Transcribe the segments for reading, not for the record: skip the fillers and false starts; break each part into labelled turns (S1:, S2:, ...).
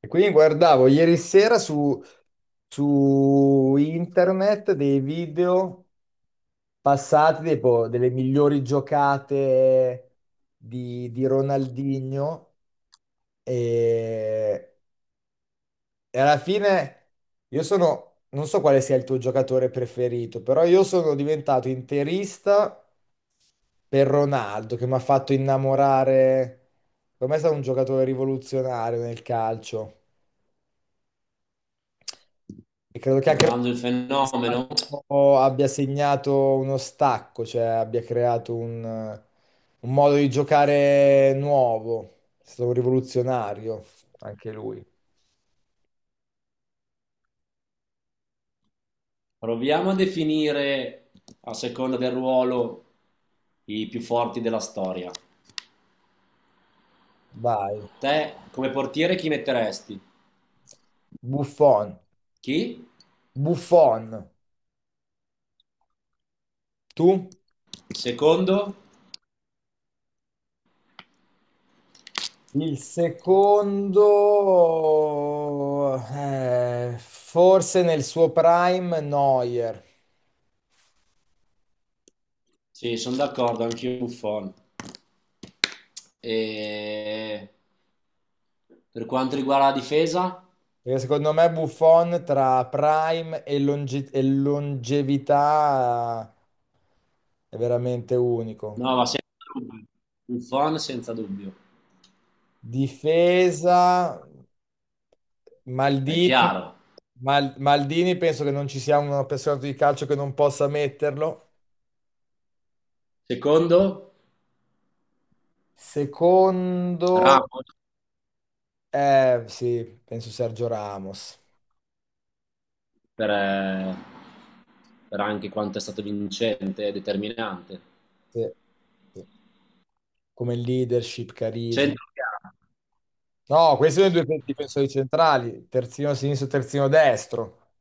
S1: E quindi guardavo ieri sera su internet dei video passati tipo, delle migliori giocate di Ronaldinho e, e alla fine non so quale sia il tuo giocatore preferito, però io sono diventato interista per Ronaldo che mi ha fatto innamorare. Per me è stato un giocatore rivoluzionario nel calcio. E credo che anche
S2: Provando il fenomeno,
S1: stato- abbia segnato uno stacco, cioè abbia creato un modo di giocare nuovo. È stato un rivoluzionario anche lui.
S2: proviamo a definire, a seconda del ruolo, i più forti della storia.
S1: Vai,
S2: Te, come portiere, chi metteresti?
S1: Buffon.
S2: Chi?
S1: Buffon, tu?
S2: Secondo?
S1: Il secondo, forse nel suo prime, Neuer.
S2: Sì, sono d'accordo, anch'io Buffon. E... Per quanto riguarda la difesa?
S1: Perché secondo me Buffon tra prime e longevità è veramente unico.
S2: No, ma senza dubbio. Buffon senza dubbio.
S1: Difesa,
S2: È
S1: Maldini.
S2: chiaro.
S1: Maldini penso che non ci sia un appassionato di calcio che non possa metterlo.
S2: Secondo?
S1: Secondo,
S2: Ramos?
S1: eh sì, penso Sergio Ramos.
S2: Per, per anche quanto è stato vincente e determinante.
S1: Sì, sì. Come leadership, carisma.
S2: Centrocampo,
S1: No, questi sono i due difensori centrali, terzino sinistro, terzino destro.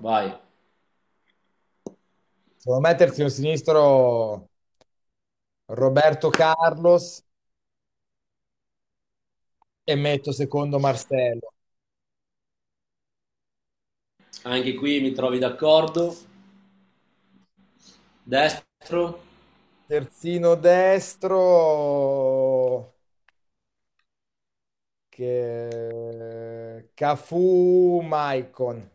S2: vai.
S1: Devo mettersi un sinistro, Roberto Carlos, e metto secondo Marcello.
S2: Anche qui mi trovi d'accordo. Destro,
S1: Terzino destro, che Cafu, Maicon.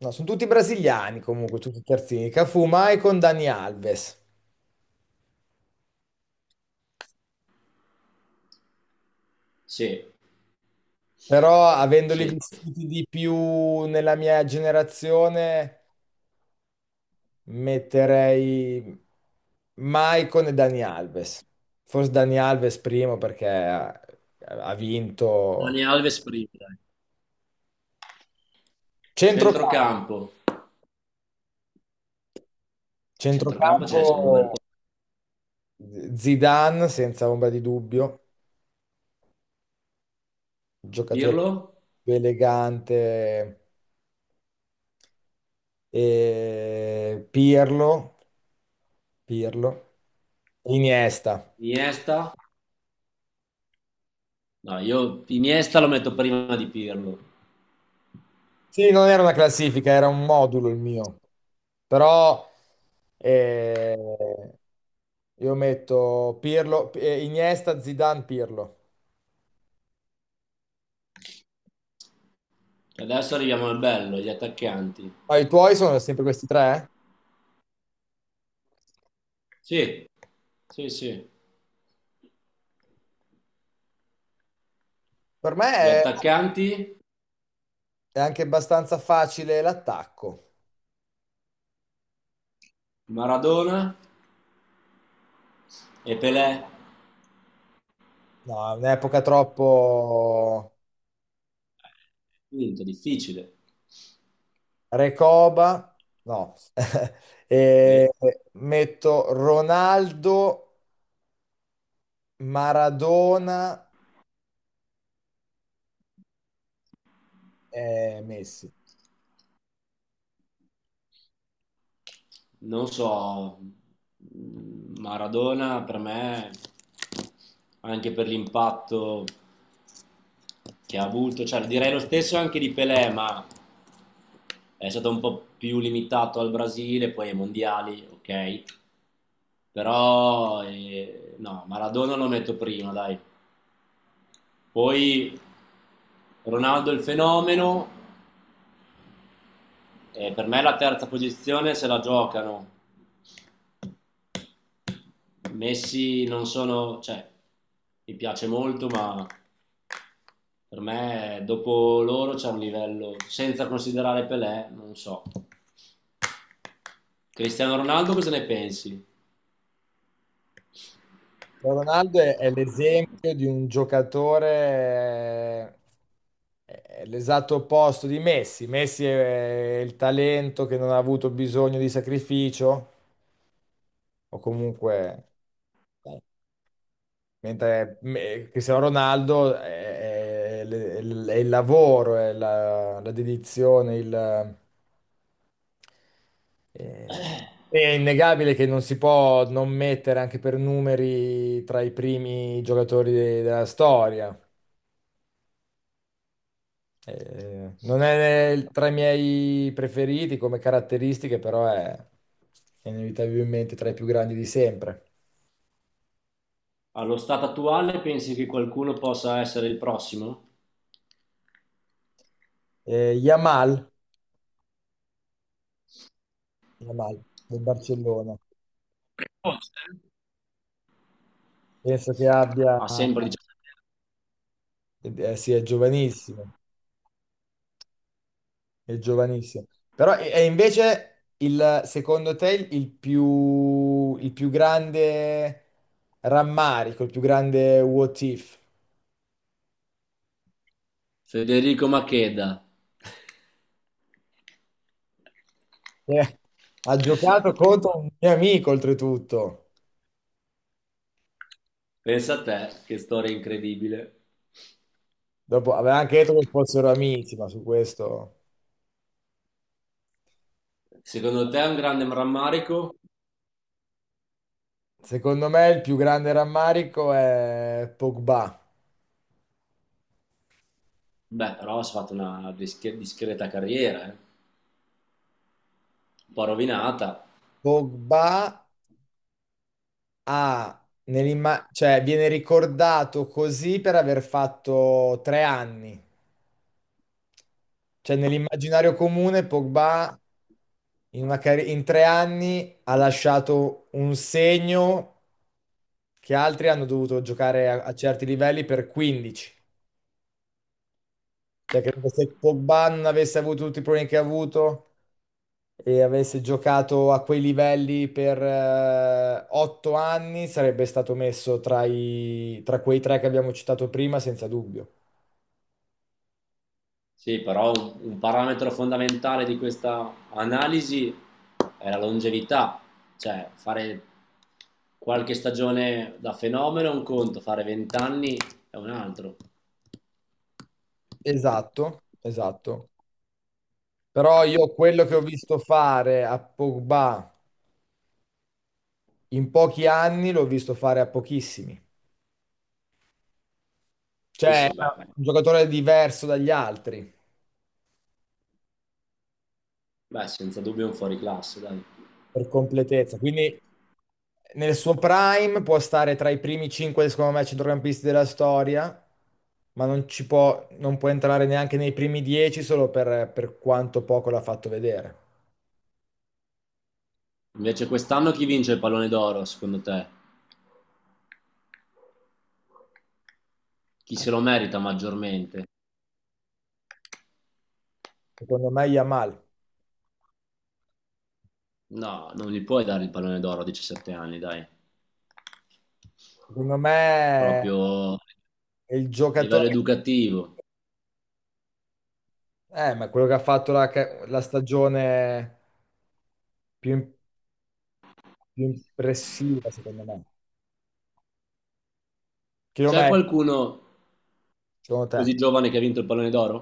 S1: No, sono tutti brasiliani comunque, tutti terzini. Cafu, Maicon, Dani Alves.
S2: sì,
S1: Però avendoli
S2: sì.
S1: vissuti di più nella mia generazione, metterei Maicon e Dani Alves. Forse Dani Alves primo perché ha
S2: Dani
S1: vinto
S2: Alves prima, dai.
S1: centrocampo,
S2: Centrocampo, a centrocampo ce
S1: centrocampo,
S2: ne sono un bel po'.
S1: Zidane senza ombra di dubbio, giocatore
S2: Pirlo,
S1: più elegante, e Pirlo, Iniesta.
S2: Iniesta, no, io Iniesta lo metto prima di Pirlo.
S1: Sì, non era una classifica, era un modulo il mio. Però eh, io metto Pirlo, Iniesta, Zidane, Pirlo.
S2: Adesso arriviamo al bello, gli attaccanti.
S1: Ma i tuoi sono sempre questi tre?
S2: Sì, sì, sì.
S1: Per me
S2: Gli attaccanti,
S1: è anche abbastanza facile l'attacco.
S2: Maradona e Pelé.
S1: No, è un'epoca troppo
S2: Quinto, difficile.
S1: Recoba. No.
S2: Eh,
S1: E metto Ronaldo, Maradona e Messi.
S2: Non so, Maradona per me, anche per l'impatto che ha avuto, cioè direi lo stesso anche di Pelé, ma è stato un po' più limitato al Brasile, poi ai mondiali, ok? Però no, Maradona lo metto prima, dai. Poi Ronaldo il fenomeno, per me la terza posizione se la giocano. Messi non sono, cioè, mi piace molto, ma per me dopo loro c'è un livello, senza considerare Pelé, non so. Cristiano Ronaldo, cosa ne pensi?
S1: Ronaldo è l'esempio di un giocatore. Eh, è l'esatto opposto di Messi. Messi è il talento che non ha avuto bisogno di sacrificio, o comunque eh, mentre Cristiano Ronaldo è il lavoro, è la dedizione, eh,
S2: Eh,
S1: è innegabile che non si può non mettere anche per numeri tra i primi giocatori della storia. Non è tra i miei preferiti come caratteristiche, però è inevitabilmente tra i più grandi di sempre.
S2: allo stato attuale pensi che qualcuno possa essere il prossimo?
S1: Yamal, Yamal del Barcellona.
S2: Forse.
S1: Penso che abbia,
S2: Ha sempre 17 anni.
S1: sì, è giovanissimo, è giovanissimo. Però è invece il, secondo te, il più, il più grande rammarico, il più grande what if?
S2: Federico Macheda.
S1: Eh, ha giocato contro un mio amico, oltretutto.
S2: Pensa a te, che storia incredibile.
S1: Dopo aveva anche detto che fossero amici, ma su questo...
S2: Secondo te è un grande rammarico?
S1: Secondo me il più grande rammarico è Pogba.
S2: Beh, però ha fatto una discreta carriera, eh. Un po' rovinata.
S1: Pogba, ah, cioè viene ricordato così per aver fatto 3 anni. Cioè nell'immaginario comune Pogba, in 3 anni, ha lasciato un segno che altri hanno dovuto giocare a, a certi livelli per 15. Cioè credo che se Pogba non avesse avuto tutti i problemi che ha avuto e avesse giocato a quei livelli per 8 anni, sarebbe stato messo tra tra quei tre che abbiamo citato prima, senza dubbio.
S2: Sì, però un parametro fondamentale di questa analisi è la longevità. Cioè, fare qualche stagione da fenomeno è un conto, fare 20 anni è un altro.
S1: Esatto, esatto. Però io quello che ho visto fare a Pogba in pochi anni l'ho visto fare a pochissimi.
S2: Sì,
S1: Cioè, è
S2: sì, beh,
S1: un giocatore diverso dagli altri
S2: beh, senza dubbio è un fuoriclasse, dai.
S1: per completezza. Quindi nel suo prime può stare tra i primi 5, secondo me, centrocampisti della storia, ma non ci può, non può entrare neanche nei primi 10 solo per quanto poco l'ha fatto vedere.
S2: Invece quest'anno chi vince il pallone d'oro, secondo te? Chi se lo merita maggiormente?
S1: Secondo me Yamal.
S2: No, non gli puoi dare il pallone d'oro a 17 anni, dai.
S1: Secondo me
S2: Proprio a
S1: è il
S2: livello
S1: giocatore.
S2: educativo.
S1: Ma quello che ha fatto la stagione più, im- più impressiva, secondo me.
S2: C'è
S1: Chilometro,
S2: qualcuno
S1: secondo te?
S2: così giovane che ha vinto il pallone d'oro?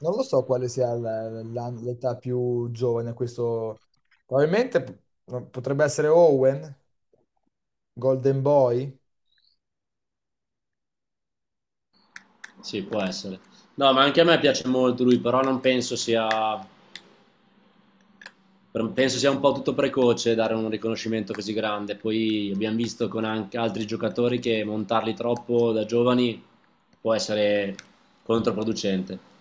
S1: Non lo so quale sia l'età più giovane, questo probabilmente no, potrebbe essere Owen, Golden Boy.
S2: Sì, può essere. No, ma anche a me piace molto lui, però non penso sia, penso sia un po' tutto precoce dare un riconoscimento così grande. Poi abbiamo visto con anche altri giocatori che montarli troppo da giovani può essere controproducente.